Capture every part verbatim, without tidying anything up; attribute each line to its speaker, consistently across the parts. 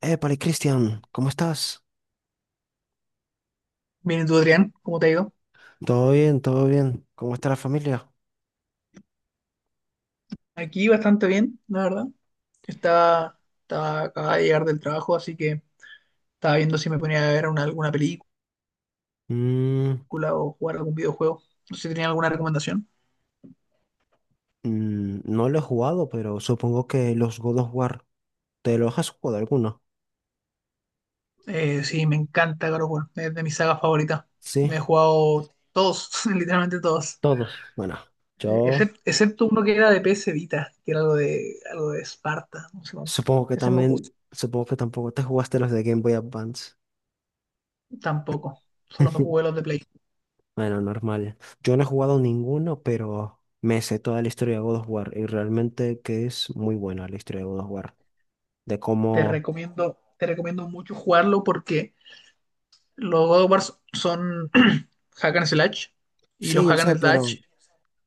Speaker 1: Épale, Cristian, ¿cómo estás?
Speaker 2: Bien, ¿y tú, Adrián? ¿Cómo te ha ido?
Speaker 1: Todo bien, todo bien. ¿Cómo está la familia?
Speaker 2: Aquí bastante bien, la verdad. Estaba, estaba, acababa de llegar del trabajo, así que estaba viendo si me ponía a ver una- alguna película
Speaker 1: Mm,
Speaker 2: o jugar algún videojuego. No sé si tenía alguna recomendación.
Speaker 1: mm, no lo he jugado, pero supongo que los God of War, ¿te los has jugado alguno?
Speaker 2: Eh, sí, me encanta God of War, es de mis sagas favoritas.
Speaker 1: Sí,
Speaker 2: Me he jugado todos, literalmente todos.
Speaker 1: todos. Bueno,
Speaker 2: Eh,
Speaker 1: yo
Speaker 2: excep- excepto uno que era de P S Vita, que era algo de, algo de Esparta, no sé cuánto.
Speaker 1: supongo que
Speaker 2: Ese no lo jugué.
Speaker 1: también, supongo que tampoco te jugaste los de Game Boy Advance.
Speaker 2: Tampoco, solo me jugué los de Play.
Speaker 1: Bueno, normal. Yo no he jugado ninguno, pero me sé toda la historia de God of War y realmente que es muy buena la historia de God of War. De
Speaker 2: Te
Speaker 1: cómo...
Speaker 2: recomiendo, te recomiendo mucho jugarlo porque los God of War son hack and slash y
Speaker 1: Sí,
Speaker 2: los
Speaker 1: yo
Speaker 2: hack
Speaker 1: sé,
Speaker 2: and
Speaker 1: pero
Speaker 2: slash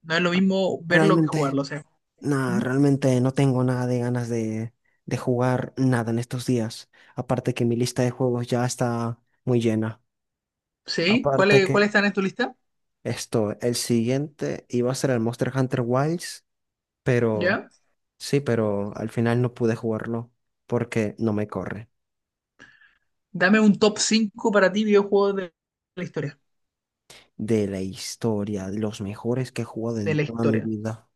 Speaker 2: no es lo mismo verlo que
Speaker 1: realmente...
Speaker 2: jugarlo, o sea.
Speaker 1: Nada,
Speaker 2: ¿Mm?
Speaker 1: realmente no tengo nada de ganas de, de jugar nada en estos días. Aparte que mi lista de juegos ya está muy llena.
Speaker 2: ¿Sí?
Speaker 1: Aparte
Speaker 2: ¿Cuáles
Speaker 1: que
Speaker 2: cuáles están en tu lista?
Speaker 1: esto, el siguiente iba a ser el Monster Hunter Wilds, pero
Speaker 2: ¿Ya?
Speaker 1: sí, pero al final no pude jugarlo porque no me corre.
Speaker 2: Dame un top cinco para ti videojuegos de la historia.
Speaker 1: De la historia, de los mejores que he jugado
Speaker 2: De
Speaker 1: en
Speaker 2: la
Speaker 1: toda mi
Speaker 2: historia.
Speaker 1: vida.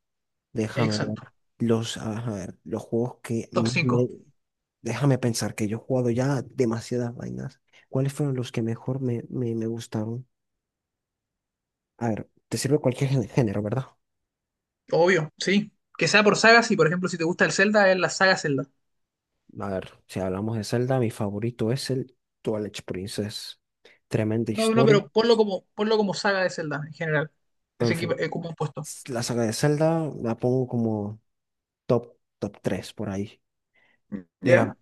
Speaker 1: Déjame ver.
Speaker 2: Exacto.
Speaker 1: Los, a ver, los juegos que
Speaker 2: Top
Speaker 1: más me,
Speaker 2: cinco.
Speaker 1: déjame pensar que yo he jugado ya demasiadas vainas. ¿Cuáles fueron los que mejor me, me, me gustaron? A ver, te sirve cualquier gé- género, ¿verdad?
Speaker 2: Obvio, sí. Que sea por sagas y, por ejemplo, si te gusta el Zelda, es la saga Zelda.
Speaker 1: A ver, si hablamos de Zelda, mi favorito es el Twilight Princess. Tremenda
Speaker 2: No, no,
Speaker 1: historia.
Speaker 2: pero ponlo como, ponlo como saga de Zelda en general.
Speaker 1: En
Speaker 2: Ese
Speaker 1: fin,
Speaker 2: equipo es como un puesto.
Speaker 1: s- la saga de Zelda la pongo como top, top tres por ahí.
Speaker 2: ¿Ya?
Speaker 1: Mira,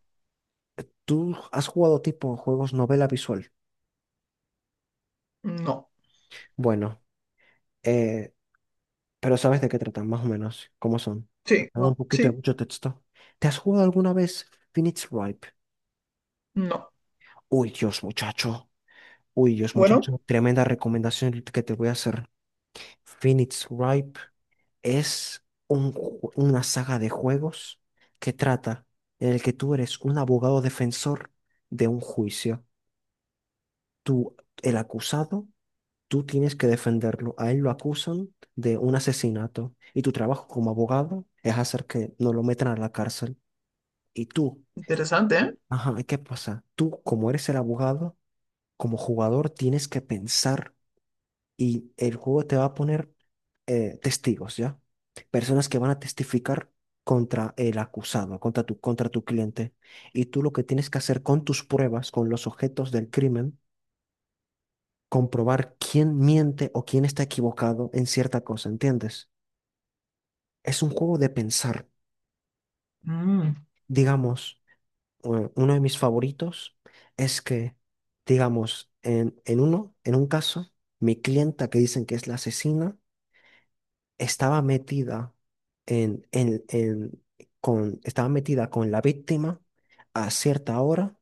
Speaker 1: tú has jugado tipo juegos novela visual.
Speaker 2: No.
Speaker 1: Bueno, eh, pero sabes de qué tratan, más o menos, cómo son.
Speaker 2: Sí,
Speaker 1: Dan un
Speaker 2: no,
Speaker 1: poquito de
Speaker 2: sí,
Speaker 1: mucho texto. ¿Te has jugado alguna vez Phoenix Wright?
Speaker 2: no.
Speaker 1: Uy, Dios, muchacho. Uy, Dios,
Speaker 2: Bueno,
Speaker 1: muchacho. Tremenda recomendación que te voy a hacer. Phoenix Ripe es un ju- una saga de juegos que trata en el que tú eres un abogado defensor de un juicio. Tú, el acusado, tú tienes que defenderlo. A él lo acusan de un asesinato y tu trabajo como abogado es hacer que no lo metan a la cárcel. Y tú,
Speaker 2: interesante, ¿eh?
Speaker 1: ajá, ¿y ¿qué pasa? Tú, como eres el abogado, como jugador, tienes que pensar y el juego te va a poner eh, testigos, ¿ya? Personas que van a testificar contra el acusado, contra tu, contra tu cliente. Y tú lo que tienes que hacer con tus pruebas, con los objetos del crimen, comprobar quién miente o quién está equivocado en cierta cosa, ¿entiendes? Es un juego de pensar.
Speaker 2: Mm.
Speaker 1: Digamos, eh, uno de mis favoritos es que, digamos, en, en uno, en un caso, mi clienta que dicen que es la asesina, estaba metida en, en, en- con, estaba metida con la víctima a cierta hora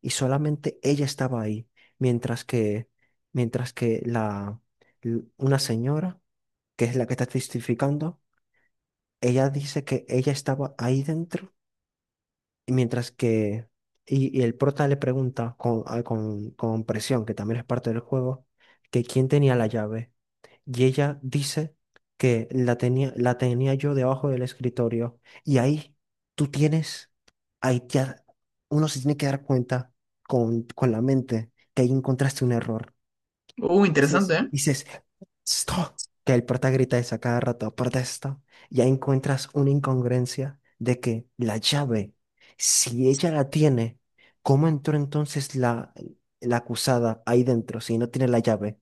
Speaker 1: y solamente ella estaba ahí, mientras que, mientras que la, l- una señora, que es la que está testificando, ella dice que ella estaba ahí dentro y mientras que, y, y el prota le pregunta con, a- con, con presión, que también es parte del juego, que quién tenía la llave. Y ella dice que la tenía, la tenía yo debajo del escritorio. Y ahí tú tienes, ahí ya uno se tiene que dar cuenta con, con la mente que ahí encontraste un error.
Speaker 2: Uh, interesante,
Speaker 1: Dices,
Speaker 2: ¿eh?
Speaker 1: dices, stop, que el prota grita esa cada rato, protesta. Y ahí encuentras una incongruencia de que la llave, si ella la tiene, ¿cómo entró entonces la, la acusada ahí dentro si no tiene la llave?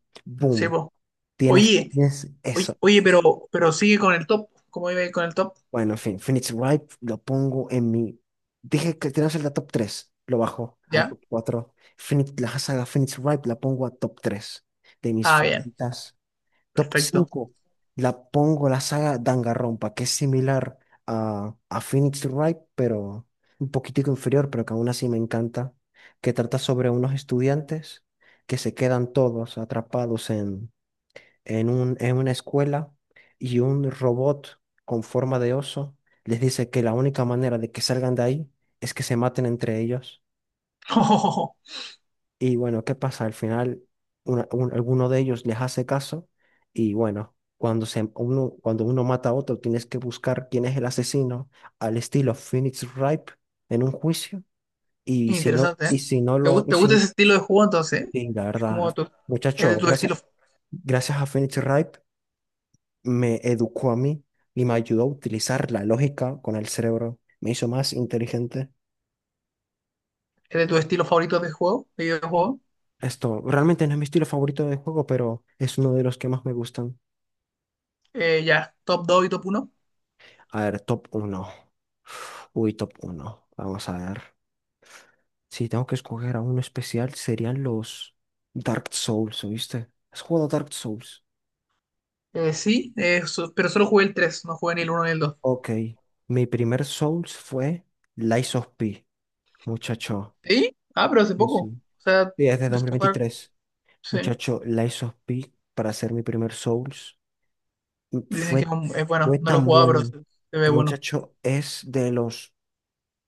Speaker 2: Sí,
Speaker 1: Boom.
Speaker 2: po.
Speaker 1: Tienes,
Speaker 2: Oye,
Speaker 1: tienes
Speaker 2: oye,
Speaker 1: eso.
Speaker 2: oye, pero, pero sigue con el top. ¿Cómo iba con el top?
Speaker 1: Bueno, en fin, Phoenix Wright lo pongo en mi. Dije que tenemos el de top tres. Lo bajo al
Speaker 2: ¿Ya?
Speaker 1: top cuatro. Phoenix, la saga Phoenix Wright la pongo a top tres de mis
Speaker 2: Ah, bien.
Speaker 1: favoritas. Top
Speaker 2: Perfecto.
Speaker 1: cinco la pongo la saga Danganronpa, que es similar a, a Phoenix Wright, pero un poquitico inferior, pero que aún así me encanta. Que trata sobre unos estudiantes que se quedan todos atrapados en un, en una escuela y un robot con forma de oso les dice que la única manera de que salgan de ahí es que se maten entre ellos. Y bueno, ¿qué pasa? Al final, una- un- alguno de ellos les hace caso y bueno, cuando, se, uno, cuando uno mata a otro, tienes que buscar quién es el asesino al estilo Phoenix Wright en un juicio. Y si no,
Speaker 2: Interesante,
Speaker 1: y
Speaker 2: ¿eh?
Speaker 1: si no
Speaker 2: ¿Te
Speaker 1: lo,
Speaker 2: gusta,
Speaker 1: y
Speaker 2: ¿te gusta ese
Speaker 1: si,
Speaker 2: estilo de juego entonces? ¿Eh?
Speaker 1: y la
Speaker 2: Es
Speaker 1: verdad,
Speaker 2: como tu, es de
Speaker 1: muchacho,
Speaker 2: tu
Speaker 1: gracias,
Speaker 2: estilo,
Speaker 1: gracias a Phoenix Wright me educó a mí y me ayudó a utilizar la lógica con el cerebro. Me hizo más inteligente.
Speaker 2: es de tu estilo favorito de juego, de videojuego.
Speaker 1: Esto realmente no es mi estilo favorito de juego, pero es uno de los que más me gustan.
Speaker 2: Eh, ya, top dos y top uno.
Speaker 1: A ver, top uno, uy, top uno. Vamos a ver. Si tengo que escoger a uno especial, serían los Dark Souls, ¿oíste? ¿Has jugado Dark Souls?
Speaker 2: Eh, sí, eh, so- pero solo jugué el tres, no jugué ni el uno ni el dos.
Speaker 1: Ok. Mi primer Souls fue Lies of P, muchacho.
Speaker 2: ¿Sí? Ah, pero hace
Speaker 1: Sí,
Speaker 2: poco. O
Speaker 1: sí.
Speaker 2: sea,
Speaker 1: Y es de dos
Speaker 2: empecé
Speaker 1: mil
Speaker 2: a jugar,
Speaker 1: veintitrés.
Speaker 2: sí.
Speaker 1: Muchacho, Lies of P para hacer mi primer Souls mm,
Speaker 2: Dicen que
Speaker 1: fue,
Speaker 2: es un- es bueno,
Speaker 1: fue
Speaker 2: no lo he
Speaker 1: tan
Speaker 2: jugado, pero
Speaker 1: bueno.
Speaker 2: se, se ve
Speaker 1: El
Speaker 2: bueno.
Speaker 1: muchacho es de los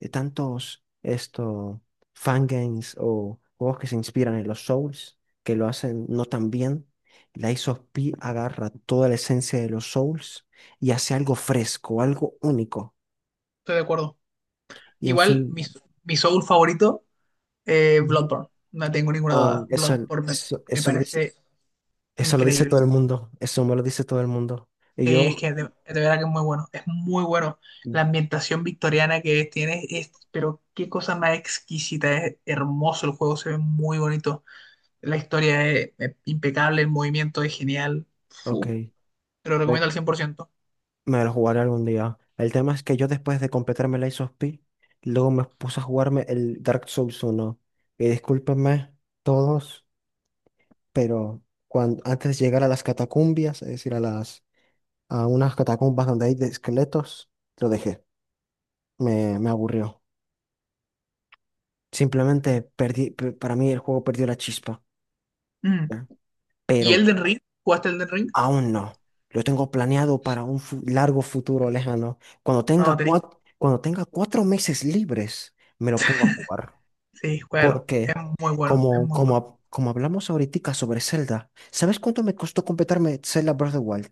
Speaker 1: de tantos esto fangames o juegos que se inspiran en los Souls que lo hacen no tan bien. Lies of P agarra toda la esencia de los Souls y hace algo fresco, algo único.
Speaker 2: Estoy de acuerdo.
Speaker 1: Y en
Speaker 2: Igual,
Speaker 1: fin,
Speaker 2: mi, mi Soul favorito, eh,
Speaker 1: ujú,
Speaker 2: Bloodborne. No tengo ninguna
Speaker 1: ah,
Speaker 2: duda.
Speaker 1: eso,
Speaker 2: Bloodborne me,
Speaker 1: eso,
Speaker 2: me
Speaker 1: eso lo dice,
Speaker 2: parece
Speaker 1: eso lo dice
Speaker 2: increíble.
Speaker 1: todo el mundo. Eso me lo dice todo el mundo. Y
Speaker 2: Sí, es
Speaker 1: yo,
Speaker 2: que de, de verdad que es muy bueno. Es muy bueno. La ambientación victoriana que tiene es, pero qué cosa más exquisita. Es hermoso el juego, se ve muy bonito. La historia es, es impecable, el movimiento es genial.
Speaker 1: ok,
Speaker 2: Fu, te lo recomiendo al cien por ciento.
Speaker 1: me lo jugaré algún día. El tema es que yo después de completarme el Ice of P, luego me puse a jugarme el Dark Souls uno. Y discúlpenme todos, pero cuando, antes de llegar a las catacumbias, es decir, a las a unas catacumbas donde hay de esqueletos, lo dejé. Me, me aburrió. Simplemente perdí, pe- para mí el juego perdió la chispa.
Speaker 2: Mm.
Speaker 1: ¿Ya?
Speaker 2: ¿Y
Speaker 1: Pero
Speaker 2: Elden Ring? ¿Jugaste Elden Ring?
Speaker 1: aún no. Lo tengo planeado para un fu- largo futuro lejano. Cuando tenga
Speaker 2: No, tenés.
Speaker 1: cuatro, cuando tenga cuatro meses libres, me lo pongo a jugar.
Speaker 2: Sí, juégalo. Es
Speaker 1: Porque,
Speaker 2: muy bueno, es
Speaker 1: como,
Speaker 2: muy bueno.
Speaker 1: como, hab- como hablamos ahorita sobre Zelda, ¿sabes cuánto me costó completarme Zelda Breath of the Wild?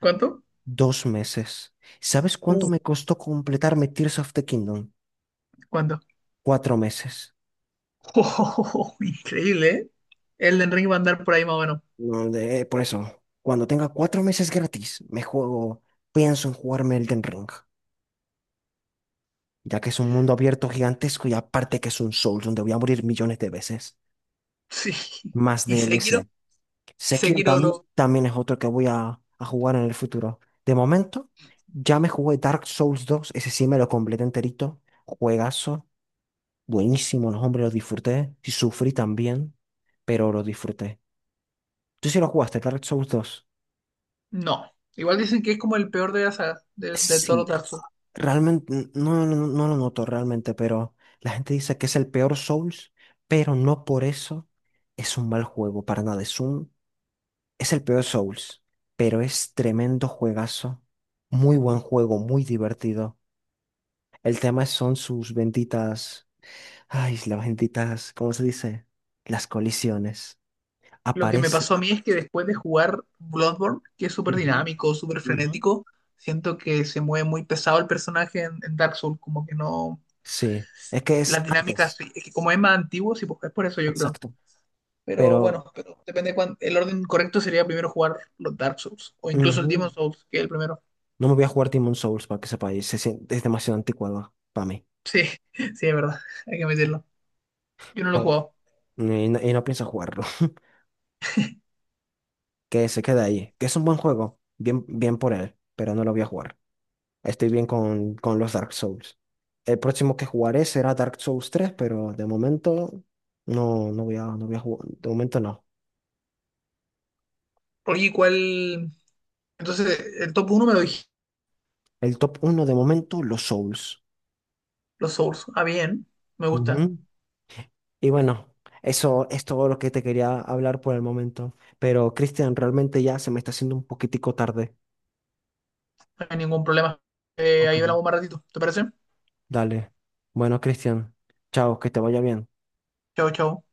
Speaker 2: ¿Cuánto?
Speaker 1: Dos meses. ¿Sabes
Speaker 2: Uh,
Speaker 1: cuánto me costó completarme Tears of the Kingdom?
Speaker 2: ¿cuánto?
Speaker 1: Cuatro meses.
Speaker 2: Increíble, ¿eh? Elden Ring va a andar por ahí más o menos.
Speaker 1: No, de- por eso, cuando tenga cuatro meses gratis, me juego, pienso en jugarme Elden Ring, ya que es un mundo abierto gigantesco y aparte que es un Souls donde voy a morir millones de veces.
Speaker 2: Sí.
Speaker 1: Más
Speaker 2: ¿Y Sekiro?
Speaker 1: D L C. Sekiro
Speaker 2: Sekiro
Speaker 1: tam-
Speaker 2: lo...
Speaker 1: también es otro que voy a, a jugar en el futuro. De momento, ya me jugué Dark Souls dos, ese sí me lo completé enterito. Juegazo, buenísimo, los hombres lo disfruté. Sí sufrí también, pero lo disfruté. ¿Tú sí lo jugaste, Dark Souls dos?
Speaker 2: No. Igual dicen que es como el peor de la saga, de, de todos los
Speaker 1: Sí,
Speaker 2: Dark Souls.
Speaker 1: realmente, no, no, no lo noto realmente, pero la gente dice que es el peor Souls, pero no por eso es un mal juego, para nada. Es un, es el peor Souls, pero es tremendo juegazo, muy buen juego, muy divertido. El tema son sus benditas, ay, las benditas, ¿cómo se dice? Las colisiones.
Speaker 2: Lo que me
Speaker 1: Aparece.
Speaker 2: pasó a mí es que después de jugar Bloodborne, que es súper dinámico, súper
Speaker 1: Ujú, ujú.
Speaker 2: frenético, siento que se mueve muy pesado el personaje en, en Dark Souls, como que no...
Speaker 1: Sí, es que es
Speaker 2: Las dinámicas,
Speaker 1: antes,
Speaker 2: sí, es que como es más antiguo, sí, pues es por eso yo creo.
Speaker 1: exacto,
Speaker 2: Pero
Speaker 1: pero...
Speaker 2: bueno, pero depende cuán- el orden correcto sería primero jugar los Dark Souls, o incluso el Demon
Speaker 1: ujú,
Speaker 2: Souls, que es el primero.
Speaker 1: no me voy a jugar Demon Souls para que sepáis. se sien- es demasiado anticuado para mí.
Speaker 2: Sí, sí, es verdad, hay que admitirlo. Yo no lo he
Speaker 1: Pero,
Speaker 2: jugado.
Speaker 1: y, no, y no pienso jugarlo. Que se quede ahí. Que es un buen juego. Bien, bien por él. Pero no lo voy a jugar. Estoy bien con, con los Dark Souls. El próximo que jugaré será Dark Souls tres, pero de momento no, no voy a, no voy a jugar. De momento no.
Speaker 2: Oye, ¿cuál? Entonces, el top uno me lo dije,
Speaker 1: El top uno de momento, los Souls.
Speaker 2: los Souls. Ah, bien, me gusta,
Speaker 1: Ujú. Y bueno, eso es todo lo que te quería hablar por el momento. Pero Cristian, realmente ya se me está haciendo un poquitico tarde.
Speaker 2: no hay ningún problema. Eh,
Speaker 1: Ok.
Speaker 2: ahí hablamos más ratito, ¿te parece?
Speaker 1: Dale. Bueno, Cristian, chao, que te vaya bien.
Speaker 2: Chao, chao.